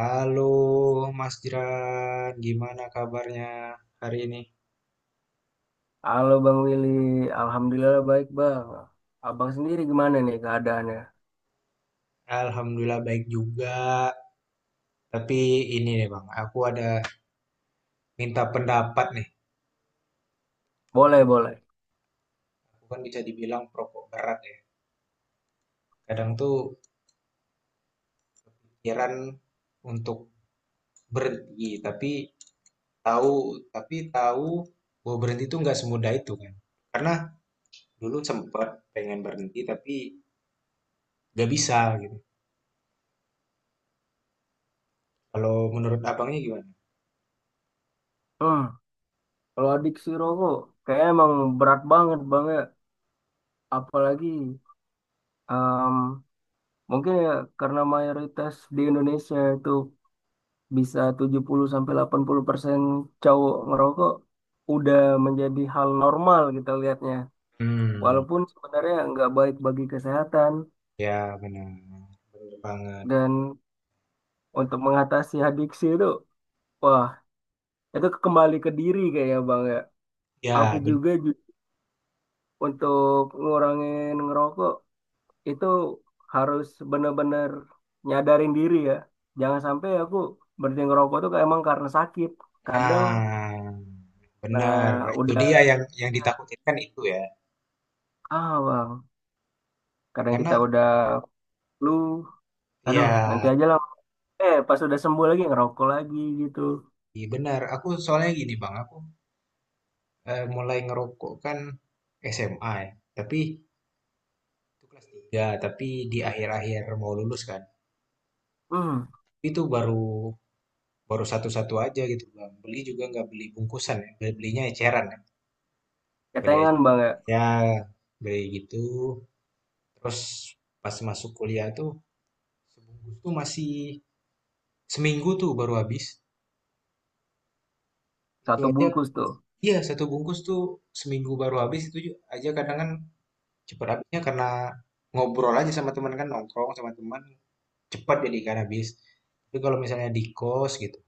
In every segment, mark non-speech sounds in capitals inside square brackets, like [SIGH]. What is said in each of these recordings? Halo Mas Jiran, gimana kabarnya hari ini? Halo Bang Willy, Alhamdulillah baik Bang. Abang sendiri gimana nih keadaannya? Alhamdulillah baik juga. Tapi ini nih Bang, aku ada minta pendapat nih. Boleh, boleh. Aku kan bisa dibilang perokok berat ya. Kadang tuh pikiran untuk berhenti, tahu tapi tahu bahwa berhenti tuh nggak semudah itu kan. Karena dulu sempat pengen berhenti tapi nggak bisa gitu. Kalau menurut abangnya gimana? Hmm, Kalau adiksi rokok, kayaknya emang berat banget Bang ya. Apalagi em, mungkin ya karena mayoritas di Indonesia itu bisa 70-80% cowok ngerokok, udah menjadi hal normal kita lihatnya. Hmm, Walaupun sebenarnya nggak baik bagi kesehatan ya benar. Benar banget. dan untuk mengatasi adiksi itu, wah itu kembali ke diri kayaknya Bang ya. Aku Ya, ben juga untuk ngurangin ngerokok itu harus bener-bener nyadarin diri ya. Jangan sampai aku berhenti ngerokok tuh kayak emang karena sakit. Kadang nah, benar. nah Itu udah dia yang ditakutin kan itu ya. ah Bang, kadang kita Karena udah flu, aduh nanti ya, aja lah. Eh, pas udah sembuh lagi ngerokok lagi gitu. iya benar. Aku soalnya gini Bang, aku mulai ngerokok kan SMA ya. Tapi itu kelas 3 tapi di akhir-akhir mau lulus kan. Hmm, Itu baru baru satu-satu aja gitu Bang. Beli juga nggak beli bungkusan ya. Belinya eceran ya. Beli eceran. ketengan Bang ya. Ya, beli gitu. Terus pas masuk kuliah tuh sebungkus tuh masih seminggu tuh baru habis. Itu Satu aja bungkus tuh. iya satu bungkus tuh seminggu baru habis itu aja kadang kan cepet habisnya karena ngobrol aja sama teman kan, nongkrong sama teman cepat jadi kan habis. Tapi kalau misalnya di kos gitu,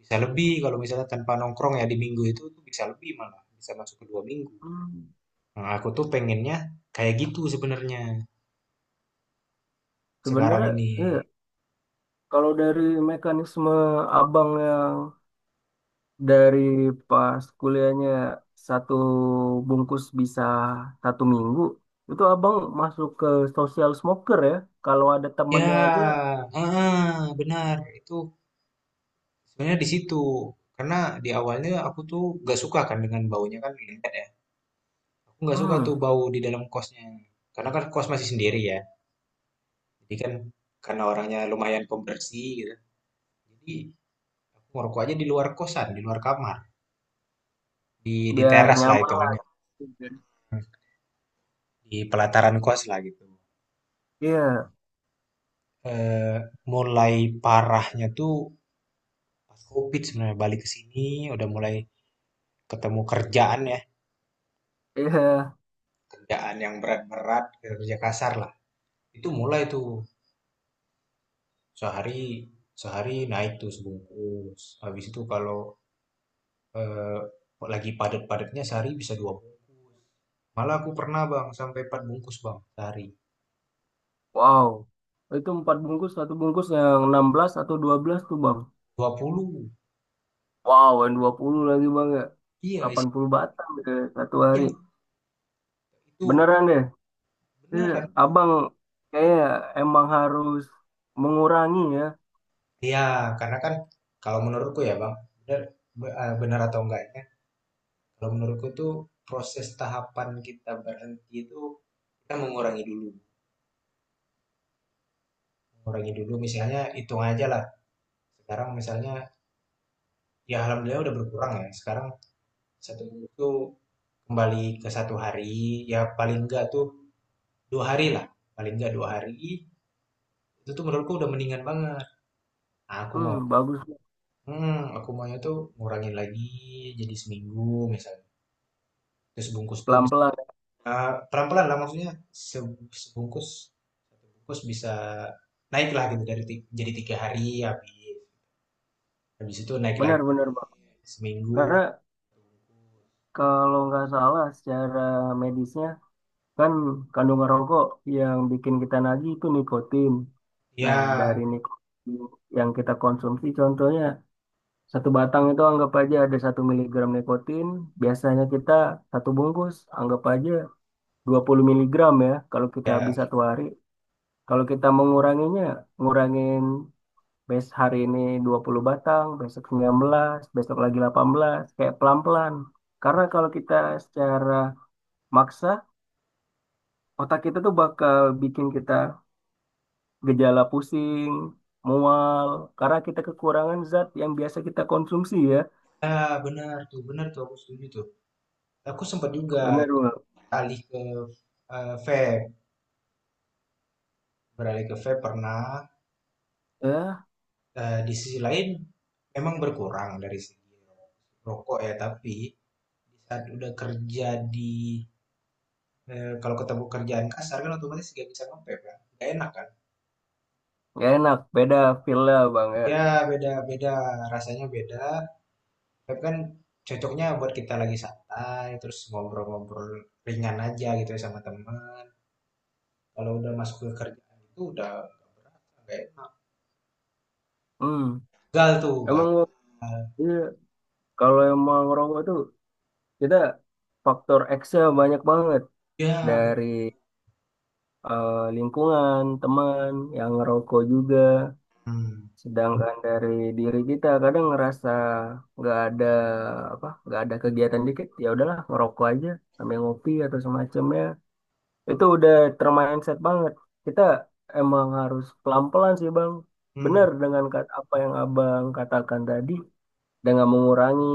bisa lebih kalau misalnya tanpa nongkrong ya di minggu itu tuh bisa lebih malah, bisa masuk ke 2 minggu. Hmm. Nah, aku tuh pengennya kayak gitu sebenarnya sekarang Sebenarnya ini. iya. Kalau dari mekanisme abang yang dari pas kuliahnya satu bungkus bisa satu minggu, itu abang masuk ke social smoker ya. Kalau ada Ya, temennya aja, ah benar. Itu sebenarnya di situ. Karena di awalnya aku tuh gak suka kan dengan baunya kan, nyengat ya. Aku nggak suka tuh hmm, bau di dalam kosnya. Karena kan kos masih sendiri ya. Jadi kan karena orangnya lumayan pembersih gitu. Jadi aku ngerokok aja di luar kosan, di luar kamar, di biar teras lah nyaman lah. hitungannya, di pelataran kos lah gitu. Iya, Eh, Mulai parahnya tuh pas COVID sebenarnya balik ke sini udah mulai ketemu kerjaan ya, iya. kerjaan yang berat-berat, kerja kasar lah. Itu mulai tuh sehari sehari naik tuh sebungkus. Habis itu kalau eh, lagi padat-padatnya sehari bisa dua bungkus. Malah aku pernah bang sampai 4 bungkus bang sehari. Wow. Itu empat bungkus, satu bungkus yang 16 atau 12 tuh bang. Dua puluh. Wow, yang 20 lagi bang ya. Iya Delapan isi. puluh batang deh satu hari. Iya itu Beneran deh. Iya, beneran. abang kayak emang harus mengurangi ya. Iya karena kan kalau menurutku ya bang bener, bener atau enggaknya kalau menurutku tuh proses tahapan kita berhenti itu kita mengurangi dulu. Mengurangi dulu misalnya hitung aja lah. Sekarang misalnya ya alhamdulillah udah berkurang ya. Sekarang satu bungkus tuh kembali ke satu hari ya paling enggak tuh 2 hari lah, paling nggak 2 hari, itu tuh menurutku udah mendingan banget. Nah, aku mau Hmm, bagus. hmm, aku maunya tuh ngurangin lagi jadi seminggu misalnya. Terus bungkus tuh misalnya Pelan-pelan. pelan-pelan lah maksudnya sebungkus satu bungkus bisa naik lah gitu dari jadi tiga hari habis habis itu naik lagi Benar-benar, Bang. seminggu Karena kalau nggak salah secara medisnya kan kandungan rokok yang bikin kita nagih itu nikotin. Nah, dari ya nikotin yang kita konsumsi contohnya satu batang itu anggap aja ada satu miligram nikotin. Biasanya kita satu bungkus anggap aja 20 miligram ya kalau kita habis ya satu hari. Kalau kita menguranginya, ngurangin hari ini 20 batang, besok 19 besok lagi 18 kayak pelan-pelan. Karena kalau kita secara maksa, otak kita tuh bakal bikin kita gejala pusing, mual, karena kita kekurangan zat yang biasa kita konsumsi ya. ah benar tuh aku setuju tuh aku sempat juga Bener, Bang. alih ke vape beralih ke vape pernah. Ya, Di sisi lain memang berkurang dari segi rokok ya, tapi di saat udah kerja di kalau ketemu kerjaan kasar kan otomatis nggak bisa nge-vape kan, gak enak kan? nggak enak, beda feel lah, Bang ya. Ya beda beda, rasanya beda. Vape kan cocoknya buat kita lagi santai, terus ngobrol-ngobrol ringan aja gitu ya sama teman. Kalau udah masuk ke kerjaan itu udah nggak enak. Hmm. Gagal tuh, gagal. Emang Bang, iya, kalau emang ngerokok tuh kita faktor X-nya banyak banget Ya benar. dari lingkungan, teman, yang ngerokok juga. Mhm, Sedangkan dari diri kita kadang ngerasa nggak ada apa, nggak ada kegiatan dikit, ya udahlah ngerokok aja sambil ngopi atau semacamnya. Itu udah termindset banget. Kita emang harus pelan-pelan sih Bang. mhm. Benar dengan apa yang Abang katakan tadi, dengan mengurangi,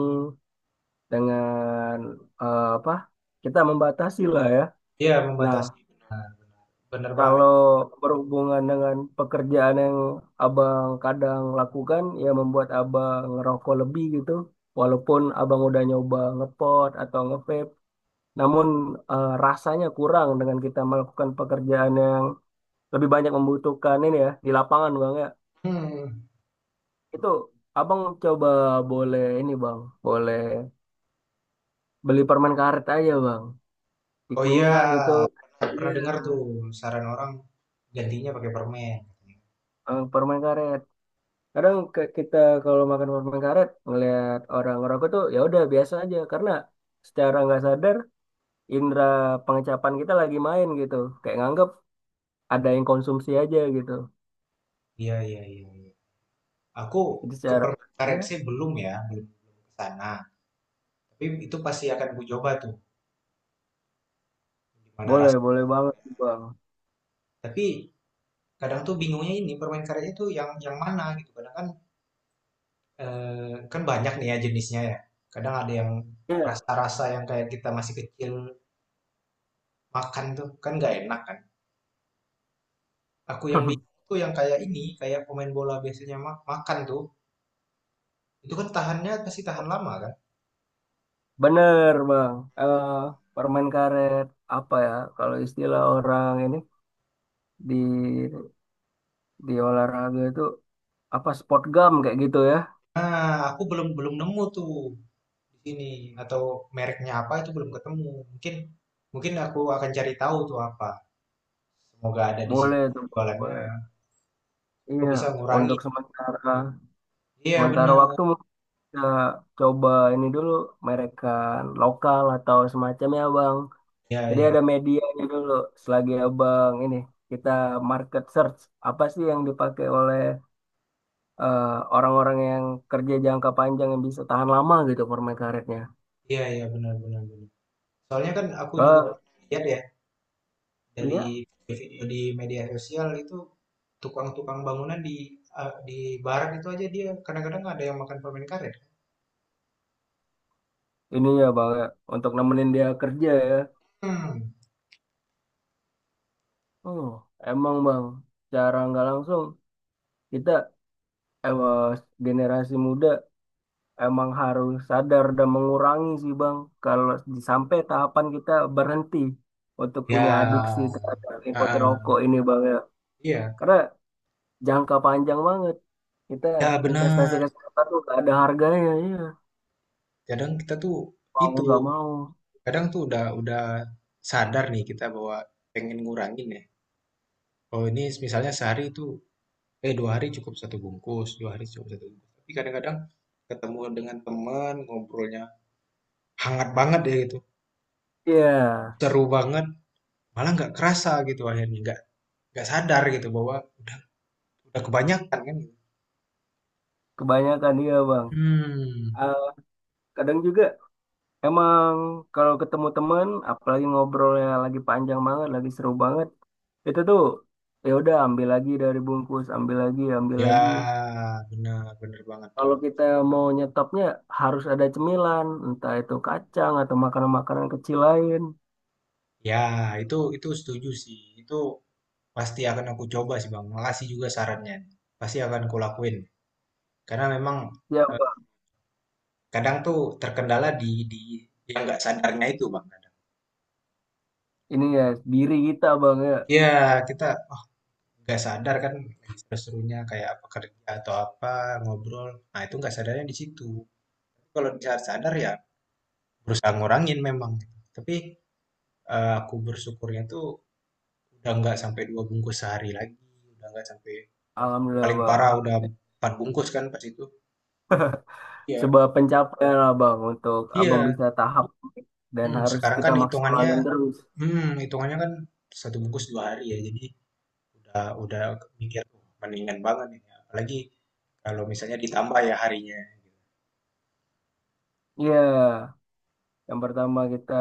dengan apa, kita membatasi lah ya. Iya Nah, membatasi, benar benar. Benar banget. kalau berhubungan dengan pekerjaan yang abang kadang lakukan, ya membuat abang ngerokok lebih gitu. Walaupun abang udah nyoba ngepot atau ngevape, namun rasanya kurang dengan kita melakukan pekerjaan yang lebih banyak membutuhkan ini ya di lapangan bang ya. Mhm. Itu abang coba boleh ini bang, boleh beli permen karet aja bang, Oh iya, dikunyah gitu. pernah, Iya, pernah dengar tuh saran orang gantinya pakai permen. eh, permen karet. Kadang kita kalau makan permen karet ngelihat orang ngerokok tuh ya udah biasa aja karena secara nggak sadar indera pengecapan kita lagi main gitu kayak nganggep ada yang konsumsi aja gitu Iya, iya, iya, iya. Aku jadi ke secara permen ya karet sih belum ya, belum belum ke sana. Tapi itu pasti akan ku coba tuh gimana boleh rasanya. boleh banget bang. Tapi kadang tuh bingungnya ini permen karet itu yang mana gitu. Kadang kan kan banyak nih ya jenisnya ya. Kadang ada yang Iya. rasa-rasa yang kayak kita masih kecil makan tuh kan nggak enak kan. Aku yang [LAUGHS] bingung tuh yang kayak ini, kayak pemain bola biasanya makan tuh. Itu kan tahannya pasti tahan lama kan. Bener bang. Eh, permen karet apa ya kalau istilah orang ini di olahraga itu apa sport gum kayak gitu ya Nah, aku belum belum nemu tuh di sini atau mereknya apa itu belum ketemu. Mungkin Mungkin aku akan cari tahu tuh apa. Semoga ada di sini boleh tuh jualannya. boleh Semoga iya bisa ngurangi. untuk sementara. Iya Sementara benar. waktu mungkin kita coba ini dulu merekan lokal atau semacamnya Bang. Iya Jadi iya. ada medianya dulu selagi Abang ini kita market search apa sih yang dipakai oleh eh, orang-orang yang kerja jangka panjang yang bisa tahan lama gitu permen karetnya. Iya iya benar benar benar. Soalnya kan aku juga Oh, lihat ya dari iya video di media sosial itu tukang-tukang bangunan di di barat itu aja dia kadang-kadang ada yang makan permen karet. ini ya Bang ya, untuk nemenin dia kerja ya. Hmm. Oh, emang Bang, cara nggak langsung kita eh, generasi muda emang harus sadar dan mengurangi sih Bang, kalau sampai tahapan kita berhenti untuk punya adiksi Ya, terhadap nikoti ah, ah, rokok ini Bang ya. iya. Karena jangka panjang banget. Kita Ya investasi benar. kesehatan tuh gak ada harganya ya. Kadang kita tuh Mau itu nggak mau. kadang tuh udah sadar nih kita bahwa pengen ngurangin ya. Kalau ini misalnya sehari itu eh dua hari cukup satu bungkus, dua hari cukup satu bungkus. Tapi kadang-kadang ketemu dengan teman ngobrolnya hangat banget ya gitu, Iya, seru banget, malah nggak kerasa gitu akhirnya nggak sadar gitu bahwa udah kebanyakan kan, gitu. kebanyakan iya Bang. Hmm, Eh, kadang juga emang kalau ketemu teman, apalagi ngobrolnya lagi panjang banget, lagi seru banget, itu tuh ya udah ambil lagi dari bungkus, ambil lagi, ambil ya lagi. benar benar banget tuh. Kalau kita mau nyetopnya harus ada cemilan, entah itu kacang atau makanan-makanan kecil lain. Ya itu setuju sih. Itu pasti akan aku coba sih Bang. Makasih juga sarannya. Pasti akan kulakuin. Karena memang Ya, Bang. kadang tuh terkendala di yang nggak sadarnya itu Bang. Ini ya diri kita, Bang ya. Iya, kita oh, nggak sadar kan lagi seru-serunya kayak apa kerja atau apa ngobrol. Nah, itu nggak sadarnya di situ. Kalau sadar sadar ya berusaha ngurangin memang. Tapi aku bersyukurnya tuh udah nggak sampai dua bungkus sehari lagi, udah nggak sampai Alhamdulillah, paling Bang. parah udah empat bungkus kan pas itu. Iya. Sebuah pencapaian lah, Bang, untuk Abang Iya. bisa tahap dan Hmm, harus sekarang kita kan hitungannya, maksimalin terus. hmm, hitungannya kan satu bungkus dua hari ya. Jadi udah mikir, tuh mendingan banget ini. Apalagi kalau misalnya ditambah ya harinya, gitu. Iya, yang pertama kita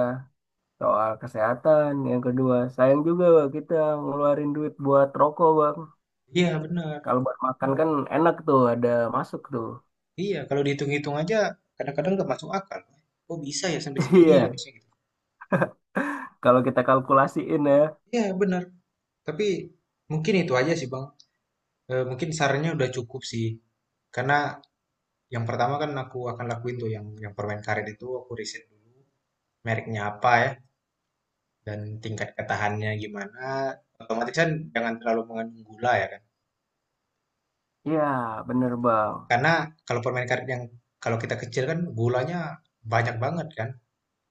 soal kesehatan, yang kedua sayang juga, Bang, kita ngeluarin duit buat rokok, Bang. Iya benar. Kalau buat makan kan enak tuh, ada masuk tuh. Iya kalau dihitung-hitung aja kadang-kadang nggak masuk akal. Oh bisa ya sampai [LAUGHS] segini ya Iya, harusnya gitu. kalau kita kalkulasiin ya. Iya benar. Tapi mungkin itu aja sih Bang. Mungkin sarannya udah cukup sih. Karena yang pertama kan aku akan lakuin tuh yang permen karet itu aku riset dulu mereknya apa ya dan tingkat ketahannya gimana. Otomatis kan jangan terlalu mengandung gula ya kan. Ya bener Bang. Karena kalau permen karet yang kalau kita kecil kan gulanya banyak banget kan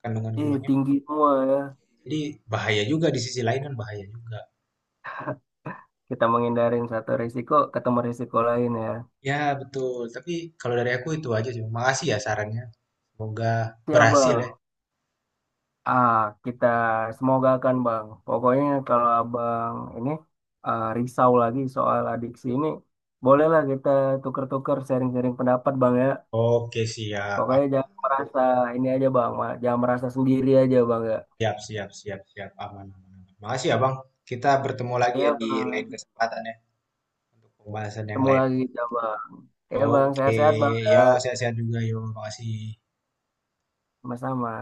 kandungan Ih, gulanya. tinggi semua ya. Jadi bahaya juga di sisi lain kan bahaya juga. Kita menghindarin satu risiko, ketemu risiko lain ya. Ya betul, tapi kalau dari aku itu aja sih. Makasih ya sarannya. Semoga Ya berhasil Bang. ya. Ah, kita semoga kan Bang. Pokoknya kalau Abang ini risau lagi soal adiksi ini, bolehlah kita tuker-tuker sharing-sharing pendapat Bang ya. Oke, siap. Ah, Pokoknya jangan merasa ini aja Bang, jangan merasa sendiri aja Bang ya. siap, siap, siap, siap. Aman, aman, aman. Makasih ya, Bang. Kita bertemu lagi ya Ya di lain Bang, kesempatan ya untuk pembahasan yang ketemu lain. lagi ya Bang. Ya Bang, Oke, sehat-sehat Bang ya. yo sehat-sehat juga yo. Makasih. Sama-sama.